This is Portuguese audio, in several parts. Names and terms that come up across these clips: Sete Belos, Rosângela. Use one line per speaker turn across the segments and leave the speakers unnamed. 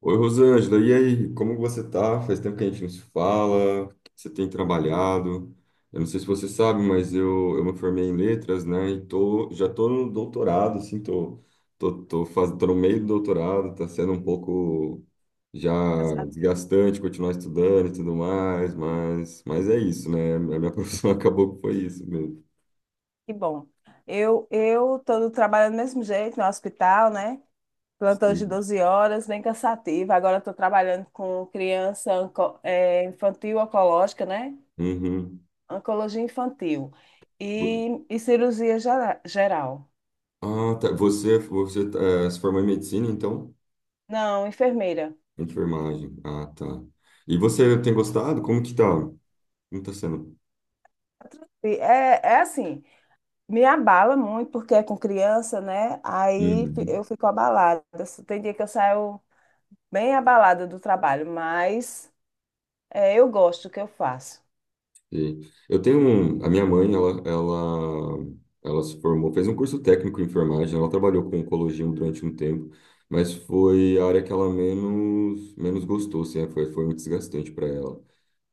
Oi, Rosângela, e aí? Como você tá? Faz tempo que a gente não se fala, o que você tem trabalhado. Eu não sei se você sabe, mas eu me formei em letras, né? E tô, já tô no doutorado, assim, tô no meio do doutorado, tá sendo um pouco já
Eu sabia.
desgastante continuar estudando e tudo mais, mas é isso, né? A minha profissão acabou que foi isso mesmo.
Que bom. Eu estou trabalhando do mesmo jeito no hospital, né? Plantão de
Sim.
12 horas, bem cansativo. Agora estou trabalhando com criança infantil oncológica, né?
Uhum.
Oncologia infantil
Vo-
e cirurgia geral.
Ah, tá. Você se formou em medicina, então?
Não, enfermeira.
Enfermagem. Ah, tá. E você tem gostado? Como que tá? Como tá sendo?
É assim, me abala muito porque é com criança, né? Aí
Uhum.
eu fico abalada. Tem dia que eu saio bem abalada do trabalho, mas eu gosto do que eu faço.
E eu tenho um, a minha mãe, ela se formou, fez um curso técnico em enfermagem, ela trabalhou com oncologia durante um tempo, mas foi a área que ela menos gostou, assim, é, foi muito desgastante para ela,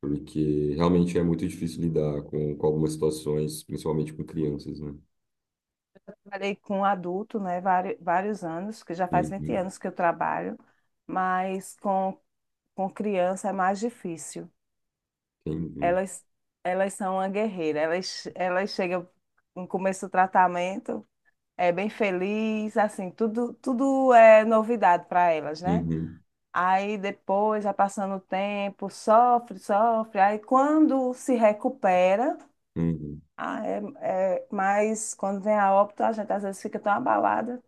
porque realmente é muito difícil lidar com algumas situações, principalmente com crianças, né?
Trabalhei com adulto, né, vários anos, que já faz 20
Uhum.
anos que eu trabalho, mas com criança é mais difícil.
Entendi.
Elas, elas são uma guerreira, elas chegam no começo do tratamento, é bem feliz, assim, tudo, tudo é novidade para elas, né?
Uhum.
Aí depois, já passando o tempo, sofre, sofre, aí quando se recupera,
Uhum.
ah, é, mas quando vem a óbito, a gente às vezes fica tão abalada.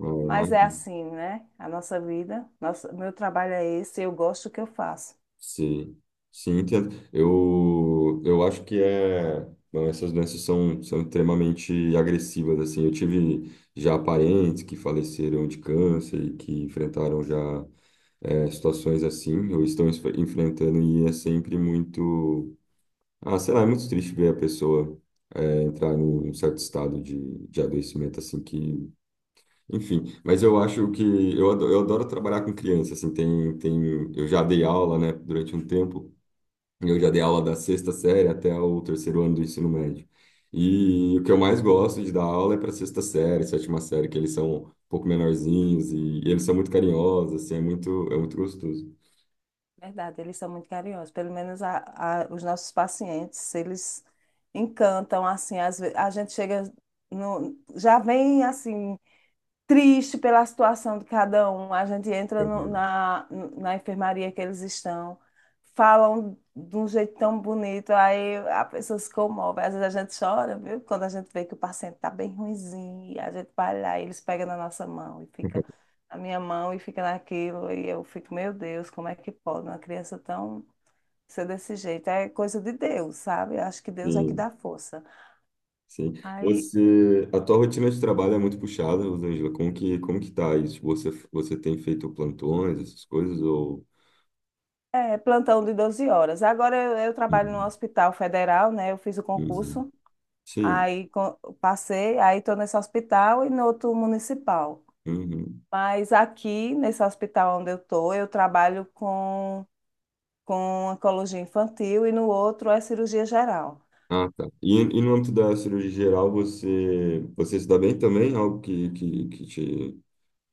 Ah,
Mas é
imagino.
assim, né? A nossa vida, nosso, meu trabalho é esse, eu gosto do que eu faço.
Sim, sim, entendo. Eu acho que é. Não, essas doenças são extremamente agressivas, assim. Eu tive já parentes que faleceram de câncer e que enfrentaram já é, situações assim, ou estão enfrentando, e é sempre muito. Ah, sei lá, é muito triste ver a pessoa é, entrar num, num certo estado de adoecimento, assim, que. Enfim, mas eu acho que. Eu adoro trabalhar com criança, assim. Tem, tem, eu já dei aula, né, durante um tempo. Eu já dei aula da sexta série até o terceiro ano do ensino médio. E o que eu mais gosto de dar aula é para sexta série, sétima série, que eles são um pouco menorzinhos e eles são muito carinhosos, assim, é muito gostoso.
Verdade, eles são muito carinhosos. Pelo menos os nossos pacientes, eles encantam, assim, às vezes, a gente chega, no, já vem assim, triste pela situação de cada um. A gente entra no-
Uhum.
na, na, enfermaria que eles estão, falam de um jeito tão bonito, aí a pessoa se comove. Às vezes a gente chora, viu? Quando a gente vê que o paciente está bem ruinzinho, e a gente vai lá, e eles pegam na nossa mão e fica na minha mão e fica naquilo, e eu fico, meu Deus, como é que pode uma criança tão ser desse jeito? É coisa de Deus, sabe? Eu acho que Deus é que
Sim,
dá força.
sim.
Aí
Você, a tua rotina de trabalho é muito puxada, Rosângela. Como que tá isso? Tipo, Você, você tem feito plantões, essas coisas, ou...
É, plantão de 12 horas. Agora eu trabalho no
Uhum.
Hospital Federal, né? Eu fiz o
Uhum.
concurso,
Sim.
aí passei, aí estou nesse hospital e no outro municipal.
Uhum.
Mas aqui, nesse hospital onde eu estou, eu trabalho com oncologia infantil e no outro é cirurgia geral.
Ah, tá. E no âmbito da cirurgia geral, você, você se dá bem também? Algo que te.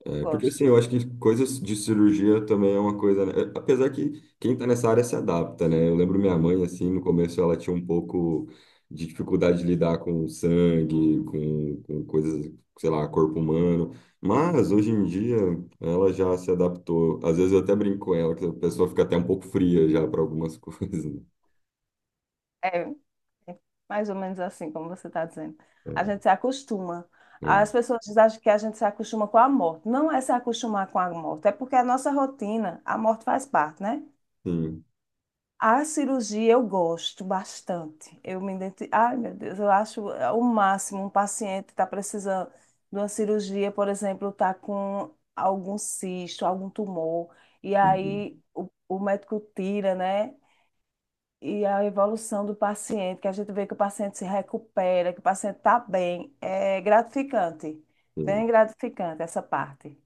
É, porque assim,
Gosto.
eu acho que coisas de cirurgia também é uma coisa, né? É, Apesar que quem tá nessa área se adapta, né? Eu lembro minha mãe, assim, no começo ela tinha um pouco de dificuldade de lidar com sangue, com coisas, sei lá, corpo humano. Mas hoje em dia ela já se adaptou. Às vezes eu até brinco com ela, que a pessoa fica até um pouco fria já para algumas coisas. Né?
É é mais ou menos assim, como você está dizendo. A
É,
gente se acostuma. As pessoas acham que a gente se acostuma com a morte. Não é se acostumar com a morte, é porque a nossa rotina, a morte faz parte, né?
Sim,
A cirurgia eu gosto bastante. Ai, meu Deus, eu acho o máximo um paciente está precisando de uma cirurgia, por exemplo, está com algum cisto, algum tumor, e
sim,
aí o médico tira, né? E a evolução do paciente, que a gente vê que o paciente se recupera, que o paciente está bem, é gratificante, bem
sim.
gratificante essa parte.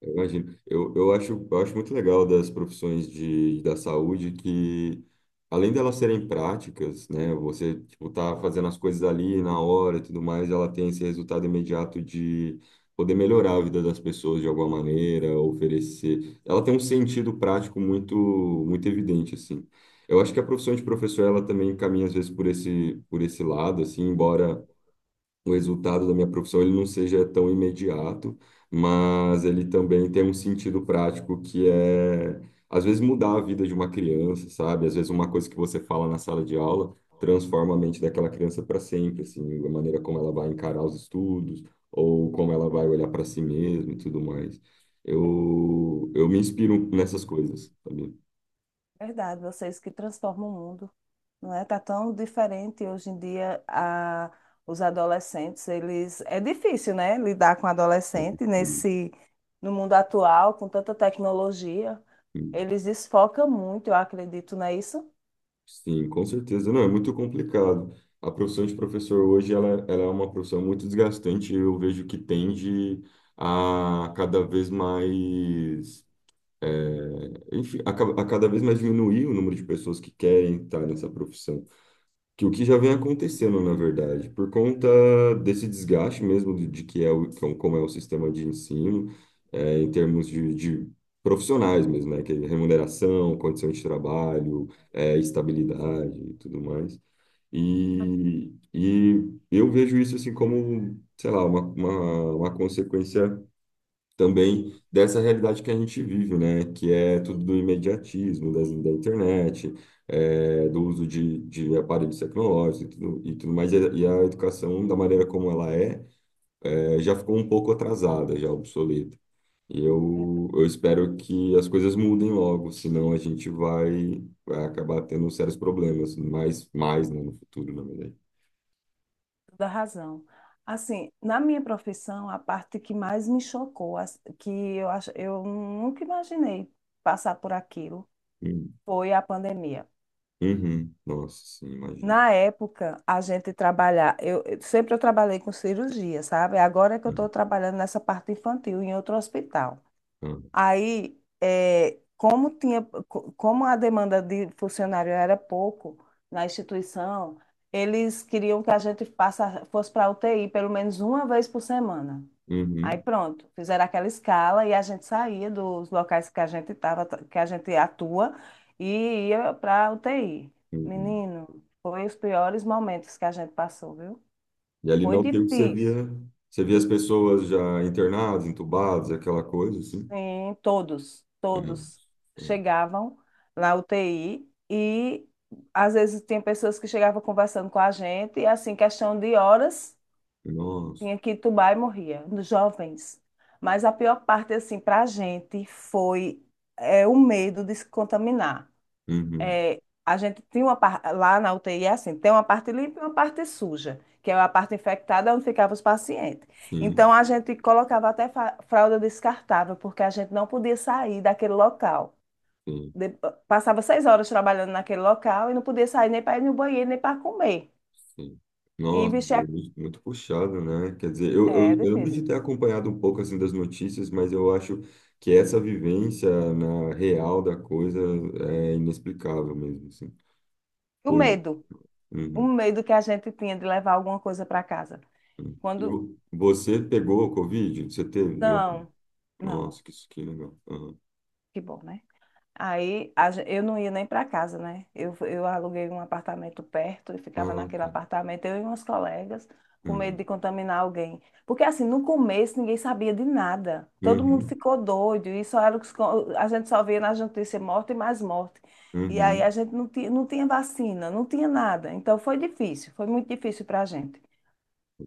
Eu imagino. Eu acho muito legal das profissões de, da saúde que, além delas serem práticas, né? Você, tipo, tá fazendo as coisas ali na hora e tudo mais, ela tem esse resultado imediato de poder melhorar a vida das pessoas de alguma maneira, oferecer. Ela tem um sentido prático muito, muito evidente, assim. Eu acho que a profissão de professor, ela também caminha, às vezes, por esse lado, assim, embora o resultado da minha profissão ele não seja tão imediato, mas ele também tem um sentido prático que é, às vezes, mudar a vida de uma criança, sabe? Às vezes, uma coisa que você fala na sala de aula transforma a mente daquela criança para sempre, assim, a maneira como ela vai encarar os estudos ou como ela vai olhar para si mesma e tudo mais. Eu me inspiro nessas coisas, sabe?
Verdade, vocês que transformam o mundo, não é? Tá tão diferente hoje em dia a os adolescentes, eles é difícil, né, lidar com adolescente nesse no mundo atual, com tanta tecnologia. Eles desfocam muito, eu acredito, não é isso?
Sim, com certeza. Não, é muito complicado. A profissão de professor hoje, ela é uma profissão muito desgastante. Eu vejo que tende a cada vez mais, é, enfim, a cada vez mais diminuir o número de pessoas que querem estar nessa profissão que o que já vem acontecendo, na verdade, por conta desse desgaste mesmo de que é o, que é como é o sistema de ensino, é, em termos de profissionais mesmo, né? Que é remuneração, condição de trabalho, é, estabilidade e tudo mais. E eu vejo isso assim como, sei lá, uma consequência também dessa realidade que a gente vive, né? Que é tudo do imediatismo, das, da internet, é, do uso de aparelhos tecnológicos e tudo mais. E a educação, da maneira como ela é, é, já ficou um pouco atrasada, já obsoleta.
É,
Eu espero que as coisas mudem logo, senão a gente vai acabar tendo sérios problemas, mais, mais, né, no futuro, na verdade.
toda razão. Assim, na minha profissão, a parte que mais me chocou, que eu acho, eu nunca imaginei passar por aquilo,
Hum.
foi a pandemia.
Uhum. Nossa, sim, imagino.
Na época, a gente trabalhar, sempre eu trabalhei com cirurgia, sabe? Agora é que eu estou
Uhum.
trabalhando nessa parte infantil em outro hospital.
Ah.
Aí, eh, como tinha, co- como a demanda de funcionário era pouco na instituição, eles queriam que a gente passa, fosse para a UTI pelo menos uma vez por semana. Aí
Uhum.
pronto, fizeram aquela escala e a gente saía dos locais que a gente tava, que a gente atua e ia para UTI.
Uhum.
Menino, foi os piores momentos que a gente passou, viu?
E ali
Foi
não tem o que você
difícil.
via. Você via as pessoas já internadas, entubadas, aquela coisa, assim.
Sim, todos,
Uhum.
todos chegavam na UTI e às vezes tinha pessoas que chegavam conversando com a gente e assim, questão de horas.
Nossa.
Tinha que tubar e morria, nos jovens. Mas a pior parte, assim, para a gente foi o medo de se contaminar.
Uhum.
É, a gente tinha uma parte, lá na UTI, é assim, tem uma parte limpa e uma parte suja, que é a parte infectada onde ficavam os pacientes.
Sim,
Então, a gente colocava até fralda descartável, porque a gente não podia sair daquele local.
sim,
De- passava 6 horas trabalhando naquele local e não podia sair nem para ir no banheiro, nem para comer.
sim.
E
Nossa,
vestir a...
muito muito puxado, né? Quer dizer,
É
eu lembro de
difícil.
ter acompanhado um pouco, assim, das notícias, mas eu acho que essa vivência na real da coisa é inexplicável mesmo, assim.
E o
Foi. Né?
medo, o
Uhum.
medo que a gente tinha de levar alguma coisa para casa.
uhum.
Quando.
Você pegou o Covid? Você teve? Eu-
Não, não,
Nossa, que, isso que legal. Uhum.
que bom, né? Eu não ia nem para casa, né? Eu aluguei um apartamento perto e ficava
Ah,
naquele
tá.
apartamento, eu e umas colegas, com medo
Uhum.
de contaminar alguém. Porque assim, no começo ninguém sabia de nada. Todo mundo
Uhum,
ficou doido e só era o que se co- a gente só via nas notícias morte e mais morte. E aí
uhum.
a gente não tinha, não tinha vacina, não tinha nada. Então foi difícil, foi muito difícil para a gente.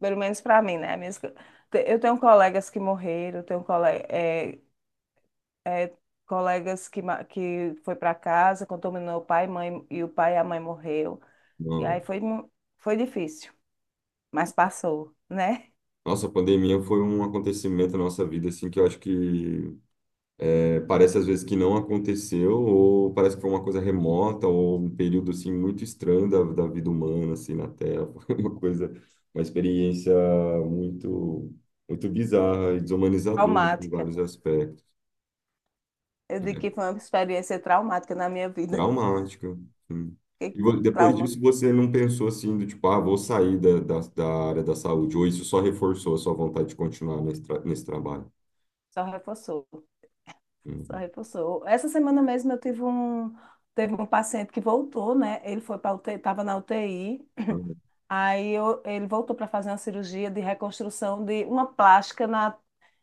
Pelo menos para mim, né? Eu tenho colegas que morreram, tenho colegas que, que foi para casa, contaminou o pai e mãe, e o pai e a mãe morreu. E aí
Não.
foi, foi difícil, mas passou, né?
Nossa, a pandemia foi um acontecimento na nossa vida, assim, que eu acho que é, parece às vezes que não aconteceu, ou parece que foi uma coisa remota, ou um período, assim, muito estranho da vida humana, assim, na Terra. Foi uma coisa, uma experiência muito, muito bizarra e desumanizadora, assim, em
Traumática.
vários aspectos.
Eu digo que foi uma experiência traumática na minha vida.
Traumática. Sim.
Fiquei com
Depois
trauma.
disso, você não pensou assim, do tipo, ah, vou sair da área da saúde, ou isso só reforçou a sua vontade de continuar nesse trabalho?
Só reforçou, só
Uhum.
reforçou. Essa semana mesmo eu tive um, teve um paciente que voltou, né? Ele foi para UTI, estava na UTI.
Ah,
Ele voltou para fazer uma cirurgia de reconstrução de uma plástica na,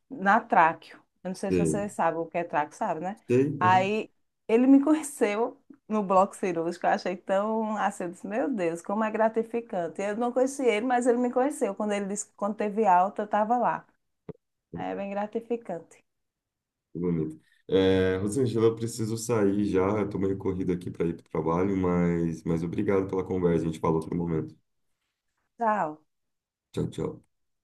na tráqueo. Eu não sei se você
Sei,
sabe o que é tráqueo, sabe, né?
sei, aham,
Aí ele me conheceu no bloco cirúrgico. Eu achei tão assim, eu disse, meu Deus, como é gratificante. Eu não conheci ele, mas ele me conheceu. Quando ele disse que quando teve alta, eu estava lá. Aí é bem gratificante.
que bonito. É, Rosângela, eu preciso sair já, eu tô meio corrido aqui para ir para o trabalho, mas obrigado pela conversa, a gente fala outro momento.
Tchau.
Tchau, tchau.